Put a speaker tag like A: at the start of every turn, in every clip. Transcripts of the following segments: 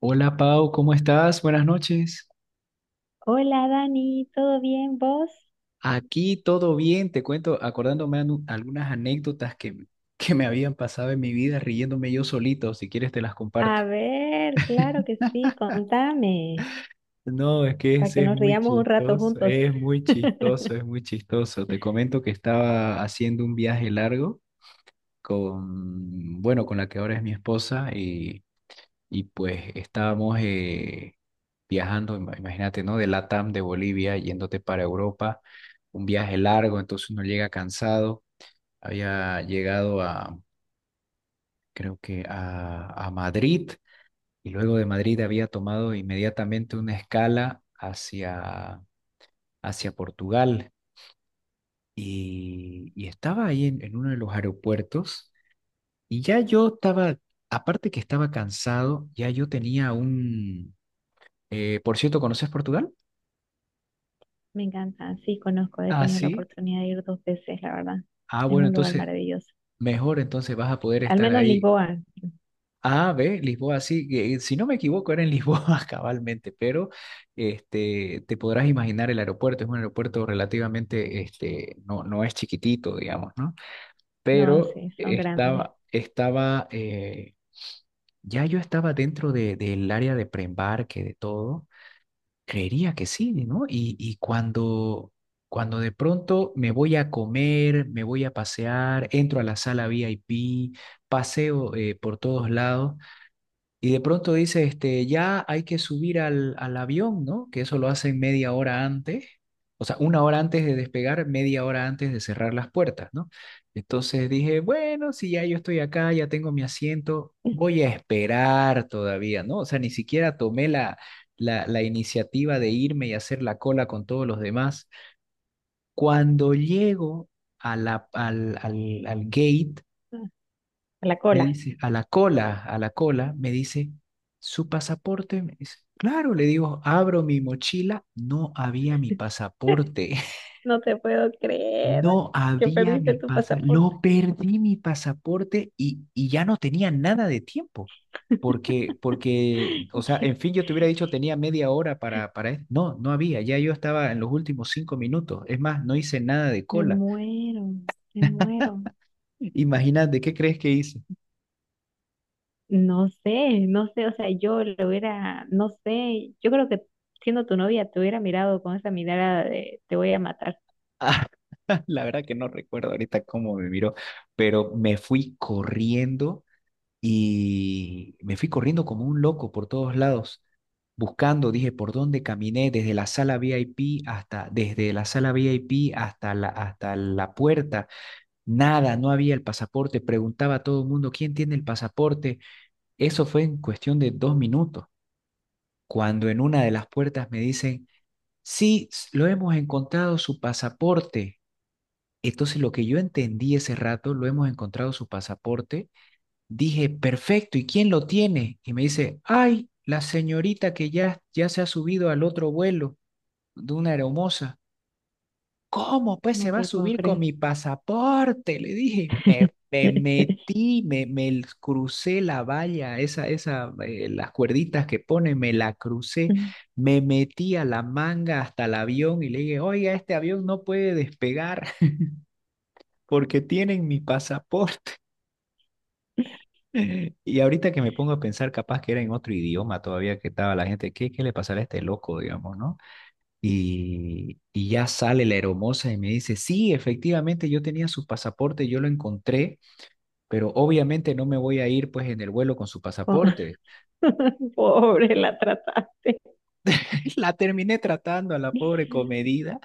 A: Hola Pau, ¿cómo estás? Buenas noches.
B: Hola Dani, ¿todo bien vos?
A: Aquí todo bien, te cuento, acordándome algunas anécdotas que me habían pasado en mi vida riéndome yo solito, si quieres te las comparto.
B: A ver, claro que sí, contame,
A: No, es que
B: para que
A: ese es
B: nos
A: muy
B: riamos un rato
A: chistoso,
B: juntos.
A: es muy chistoso, es muy chistoso. Te comento que estaba haciendo un viaje largo con, bueno, con la que ahora es mi esposa, y pues estábamos viajando. Imagínate, ¿no? De Latam, de Bolivia, yéndote para Europa, un viaje largo, entonces uno llega cansado. Había llegado a, creo que a Madrid, y luego de Madrid había tomado inmediatamente una escala hacia Portugal, y estaba ahí en uno de los aeropuertos, y ya yo estaba, aparte que estaba cansado. Por cierto, ¿conoces Portugal?
B: Me encanta, sí, conozco, he
A: Ah,
B: tenido la
A: sí.
B: oportunidad de ir dos veces, la verdad.
A: Ah,
B: Es
A: bueno,
B: un lugar
A: entonces,
B: maravilloso.
A: mejor entonces vas a poder
B: Al
A: estar
B: menos
A: ahí.
B: Lisboa,
A: A, B, Lisboa, sí. Que, si no me equivoco, era en Lisboa cabalmente. Pero este, te podrás imaginar el aeropuerto. Es un aeropuerto relativamente, este, no, no es chiquitito, digamos, ¿no?
B: no,
A: Pero
B: sí, son grandes.
A: ya yo estaba dentro del área de preembarque, de todo. Creería que sí, ¿no? Y cuando de pronto me voy a comer, me voy a pasear, entro a la sala VIP, paseo por todos lados. Y de pronto dice, este, ya hay que subir al avión, ¿no? Que eso lo hacen media hora antes, o sea, una hora antes de despegar, media hora antes de cerrar las puertas, ¿no? Entonces dije, bueno, si ya yo estoy acá, ya tengo mi asiento, voy a esperar todavía, ¿no? O sea, ni siquiera tomé la iniciativa de irme y hacer la cola con todos los demás. Cuando llego a la, al, al, al gate,
B: A la
A: me
B: cola.
A: dice, a la cola, me dice, ¿su pasaporte? Me dice, claro, le digo, abro mi mochila, no había mi pasaporte.
B: No te puedo creer
A: No
B: que
A: había
B: perdiste
A: mi
B: tu
A: pasaporte,
B: pasaporte.
A: lo perdí mi pasaporte, y ya no tenía nada de tiempo. Porque, o sea, en fin, yo te hubiera dicho tenía media hora para esto. No, no había, ya yo estaba en los últimos 5 minutos. Es más, no hice nada de
B: Me
A: cola.
B: muero, me muero.
A: Imagínate, ¿qué crees que hice?
B: No sé, no sé, o sea, yo lo hubiera, no sé, yo creo que siendo tu novia te hubiera mirado con esa mirada de te voy a matar,
A: La verdad que no recuerdo ahorita cómo me miró, pero me fui corriendo y me fui corriendo como un loco por todos lados, buscando, dije, por dónde caminé, desde la sala VIP hasta la puerta. Nada, no había el pasaporte. Preguntaba a todo el mundo, ¿quién tiene el pasaporte? Eso fue en cuestión de 2 minutos, cuando en una de las puertas me dicen, sí, lo hemos encontrado su pasaporte. Entonces, lo que yo entendí ese rato, lo hemos encontrado su pasaporte. Dije, perfecto, ¿y quién lo tiene? Y me dice, ay, la señorita que ya, ya se ha subido al otro vuelo de una aeromoza. ¿Cómo pues se
B: no
A: va a
B: te puedo
A: subir con
B: creer.
A: mi pasaporte? Le dije, me metí, me crucé la valla, esa, las cuerditas que pone, me la crucé,
B: Mm,
A: me metí a la manga hasta el avión y le dije, oiga, este avión no puede despegar porque tienen mi pasaporte. Y ahorita que me pongo a pensar, capaz que era en otro idioma todavía que estaba la gente. ¿Qué le pasará a este loco, digamos, ¿no? Y ya sale la hermosa y me dice, sí, efectivamente, yo tenía su pasaporte, yo lo encontré, pero obviamente no me voy a ir pues en el vuelo con su
B: Con-
A: pasaporte.
B: Pobre, la trataste.
A: La terminé tratando a la pobre comedida,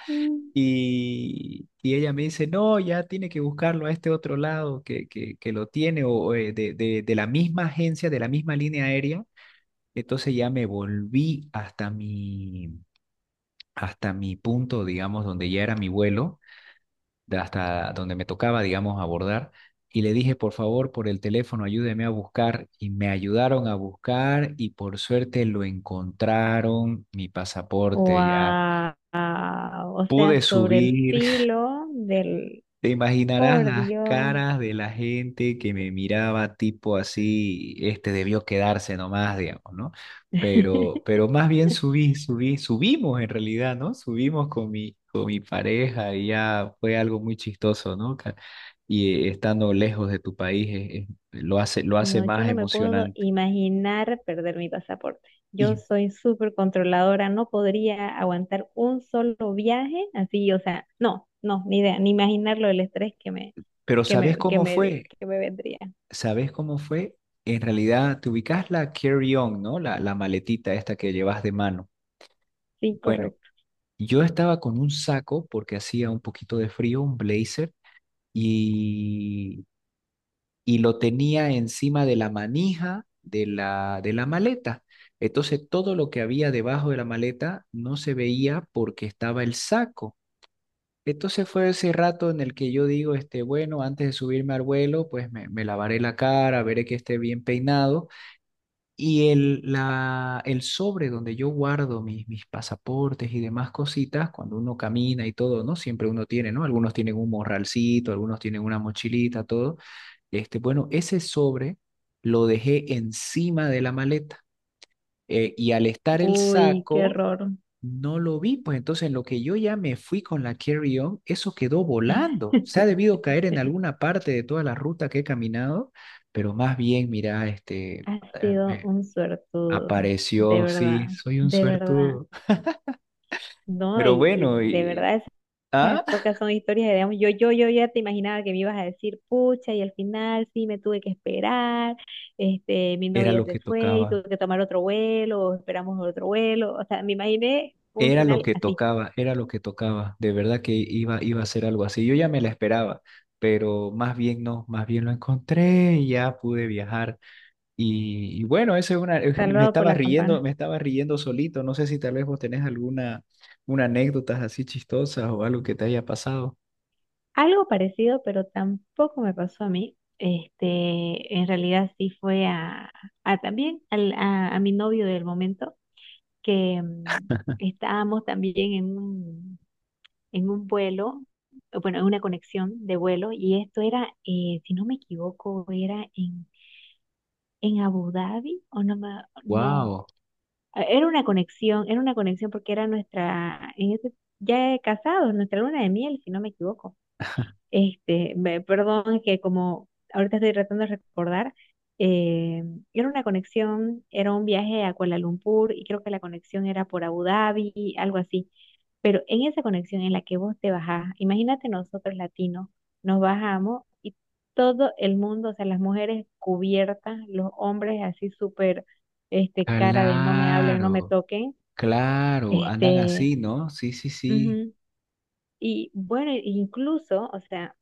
A: y ella me dice, no, ya tiene que buscarlo a este otro lado que, que lo tiene, o de, de la misma agencia, de la misma línea aérea. Entonces ya me volví hasta mi, punto, digamos, donde ya era mi vuelo, de hasta donde me tocaba, digamos, abordar. Y le dije, por favor, por el teléfono, ayúdeme a buscar. Y me ayudaron a buscar y por suerte lo encontraron, mi pasaporte ya.
B: Wow, o sea,
A: Pude
B: sobre el
A: subir.
B: filo del,
A: Te imaginarás
B: por
A: las
B: Dios.
A: caras de la gente que me miraba tipo así, este debió quedarse nomás, digamos, ¿no? Pero, pero más bien subimos en realidad, ¿no? Subimos con mi pareja y ya fue algo muy chistoso, ¿no? Y estando lejos de tu país lo hace
B: No, yo
A: más
B: no me puedo
A: emocionante.
B: imaginar perder mi pasaporte. Yo
A: Y,
B: soy súper controladora, no podría aguantar un solo viaje así, o sea, no, no, ni idea, ni imaginarlo el estrés que me,
A: pero
B: que
A: ¿sabes
B: me, que
A: cómo
B: me,
A: fue?
B: que me vendría.
A: ¿Sabes cómo fue? En realidad, te ubicas la carry-on, ¿no? La maletita esta que llevas de mano.
B: Sí,
A: Bueno.
B: correcto.
A: Yo estaba con un saco porque hacía un poquito de frío, un blazer, y, y lo tenía encima de la manija de la, maleta. Entonces todo lo que había debajo de la maleta no se veía porque estaba el saco. Entonces fue ese rato en el que yo digo, este, bueno, antes de subirme al vuelo, pues me lavaré la cara, veré que esté bien peinado, y el sobre donde yo guardo mis pasaportes y demás cositas, cuando uno camina y todo, ¿no? Siempre uno tiene, ¿no? Algunos tienen un morralcito, algunos tienen una mochilita, todo. Este, bueno, ese sobre lo dejé encima de la maleta. Y al estar el
B: Uy, qué
A: saco,
B: error.
A: no lo vi. Pues entonces, en lo que yo ya me fui con la carry-on, eso quedó volando. Se ha debido caer en alguna parte de toda la ruta que he caminado, pero más bien, mira, este,
B: Has sido
A: eh,
B: un suertudo, de
A: apareció.
B: verdad,
A: Sí, soy un
B: de verdad.
A: suertudo.
B: No,
A: Pero
B: y, y
A: bueno,
B: de verdad las
A: ah,
B: pocas son historias de digamos, Yo ya te imaginaba que me ibas a decir, pucha, y al final sí me tuve que esperar, este, mi
A: era
B: novia
A: lo
B: se
A: que
B: fue y
A: tocaba,
B: tuve que tomar otro vuelo, o esperamos otro vuelo. O sea, me imaginé un
A: era lo
B: final
A: que
B: así,
A: tocaba, era lo que tocaba. De verdad que iba a ser algo así. Yo ya me la esperaba, pero más bien no, más bien lo encontré y ya pude viajar. Y bueno, eso es una,
B: salvado por la campana.
A: me estaba riendo solito. No sé si tal vez vos tenés alguna, una anécdotas así chistosas o algo que te haya pasado.
B: Algo parecido, pero tampoco me pasó a mí. Este, en realidad sí fue a, también a mi novio del momento, que estábamos también en un vuelo, bueno, en una conexión de vuelo, y esto era, si no me equivoco, era en Abu Dhabi, o no, no,
A: Wow,
B: era una conexión porque era nuestra, en ese, ya casados, nuestra luna de miel, si no me equivoco. Este, perdón que como ahorita estoy tratando de recordar, eh, era una conexión, era un viaje a Kuala Lumpur y creo que la conexión era por Abu Dhabi, algo así. Pero en esa conexión en la que vos te bajás, imagínate nosotros latinos, nos bajamos y todo el mundo, o sea, las mujeres cubiertas, los hombres así súper, este, cara de no me hablen, no me
A: claro.
B: toquen,
A: Claro, andan
B: este,
A: así, ¿no? Sí, sí, sí.
B: ujú. Y bueno, incluso, o sea,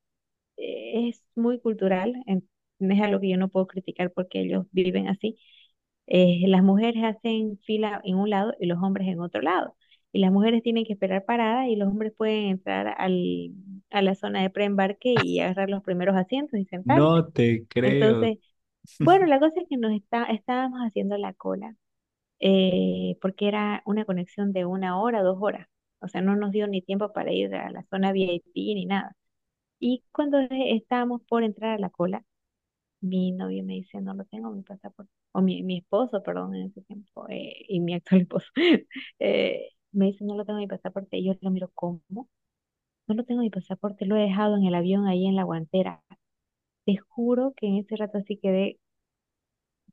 B: es muy cultural, no es algo que yo no puedo criticar porque ellos viven así. Las mujeres hacen fila en un lado y los hombres en otro lado. Y las mujeres tienen que esperar parada y los hombres pueden entrar a la zona de preembarque y agarrar los primeros asientos y sentarse.
A: No te creo,
B: Entonces, bueno, la cosa es que estábamos haciendo la cola porque era una conexión de una hora, dos horas. O sea, no nos dio ni tiempo para ir a la zona VIP ni nada. Y cuando estábamos por entrar a la cola, mi novio me dice, no lo tengo, mi pasaporte, o mi esposo, perdón, en ese tiempo, y mi actual esposo, me dice, no lo tengo mi pasaporte, y yo lo miro, ¿cómo? No lo tengo mi pasaporte, lo he dejado en el avión ahí en la guantera. Te juro que en ese rato así quedé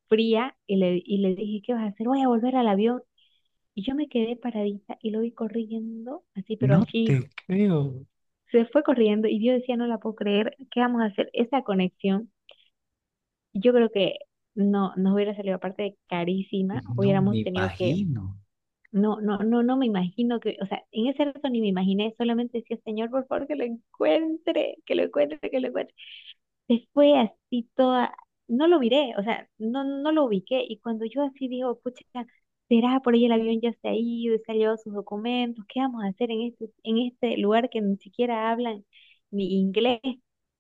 B: fría y le dije, ¿qué vas a hacer? Voy a volver al avión. Y yo me quedé paradita y lo vi corriendo, así, pero
A: no
B: así,
A: te creo.
B: se fue corriendo, y yo decía, no la puedo creer, ¿qué vamos a hacer? Esa conexión. Yo creo que no nos hubiera salido aparte carísima,
A: No
B: hubiéramos
A: me
B: tenido que,
A: imagino.
B: no me imagino que, o sea, en ese rato ni me imaginé, solamente decía, Señor, por favor, que lo encuentre. Se fue así toda, no lo miré, o sea, no, no lo ubiqué. Y cuando yo así digo, pucha, será por ahí el avión ya se ha ido y se ha llevado sus documentos, ¿qué vamos a hacer en este lugar que ni siquiera hablan ni inglés?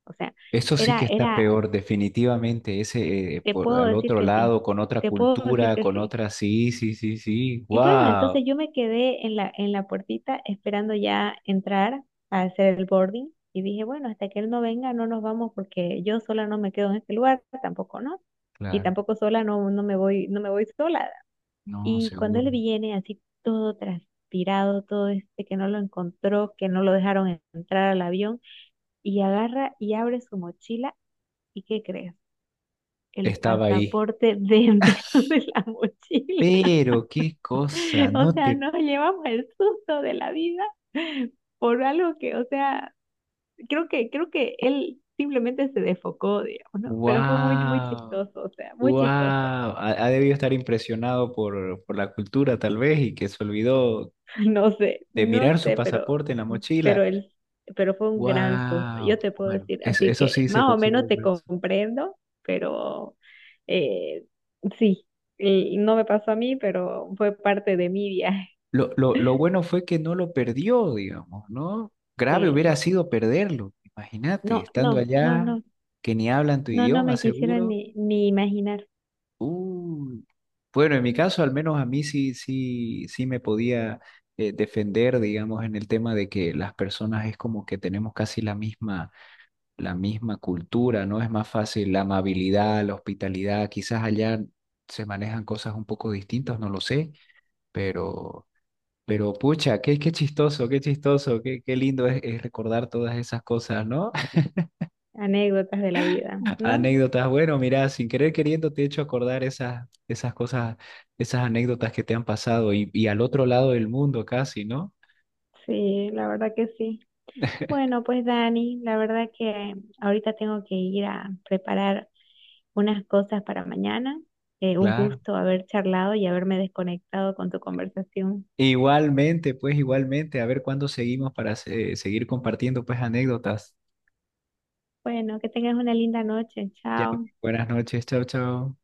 B: O sea,
A: Eso sí que está
B: era
A: peor, definitivamente. Ese
B: te
A: por
B: puedo
A: al
B: decir
A: otro
B: que sí,
A: lado, con otra
B: te puedo decir
A: cultura,
B: que
A: con
B: sí.
A: otra, sí, sí, sí, sí.
B: Y bueno,
A: Wow.
B: entonces yo me quedé en la puertita esperando ya entrar a hacer el boarding y dije, bueno, hasta que él no venga no nos vamos porque yo sola no me quedo en este lugar, tampoco no. Y
A: Claro,
B: tampoco sola no, no me voy, no me voy sola.
A: no,
B: Y cuando
A: seguro.
B: él viene así todo transpirado, todo este que no lo encontró, que no lo dejaron entrar al avión, y agarra y abre su mochila, ¿y qué crees? El
A: Estaba ahí.
B: pasaporte dentro de la mochila.
A: Pero qué cosa,
B: O
A: no
B: sea,
A: te.
B: nos llevamos el susto de la vida por algo que, o sea, creo que él simplemente se desfocó, digamos, ¿no? Pero fue muy, muy
A: Wow,
B: chistoso, o sea, muy
A: wow.
B: chistoso.
A: Ha debido estar impresionado por la cultura, tal vez, y que se olvidó
B: No sé,
A: de
B: no
A: mirar su
B: sé,
A: pasaporte en la
B: pero
A: mochila.
B: él, pero fue un gran susto,
A: ¡Wow!
B: yo te puedo
A: Bueno,
B: decir. Así
A: eso
B: que
A: sí se
B: más o
A: considera
B: menos te
A: grueso.
B: comprendo, pero eh, sí, no me pasó a mí, pero fue parte de mi viaje.
A: Lo bueno fue que no lo perdió, digamos, ¿no? Grave
B: Eh,
A: hubiera sido perderlo. Imagínate, estando allá,
B: no.
A: que ni hablan tu
B: No, no
A: idioma,
B: me quisiera
A: seguro.
B: ni imaginar
A: Uy. Bueno, en mi caso, al menos a mí sí, sí, sí me podía defender, digamos, en el tema de que las personas es como que tenemos casi la misma cultura, ¿no? Es más fácil la amabilidad, la hospitalidad, quizás allá se manejan cosas un poco distintas, no lo sé, pero, pucha, qué chistoso, qué chistoso, qué lindo es, recordar todas esas cosas, ¿no?
B: anécdotas de la vida, ¿no?
A: Anécdotas, bueno, mira, sin querer queriendo te he hecho acordar esas cosas, esas anécdotas que te han pasado, y al otro lado del mundo casi, ¿no?
B: Sí, la verdad que sí. Bueno, pues Dani, la verdad que ahorita tengo que ir a preparar unas cosas para mañana. Un
A: Claro.
B: gusto haber charlado y haberme desconectado con tu conversación.
A: Igualmente, pues igualmente, a ver cuándo seguimos para seguir compartiendo pues anécdotas.
B: Bueno, que tengas una linda noche.
A: Ya,
B: Chao.
A: buenas noches, chao, chao.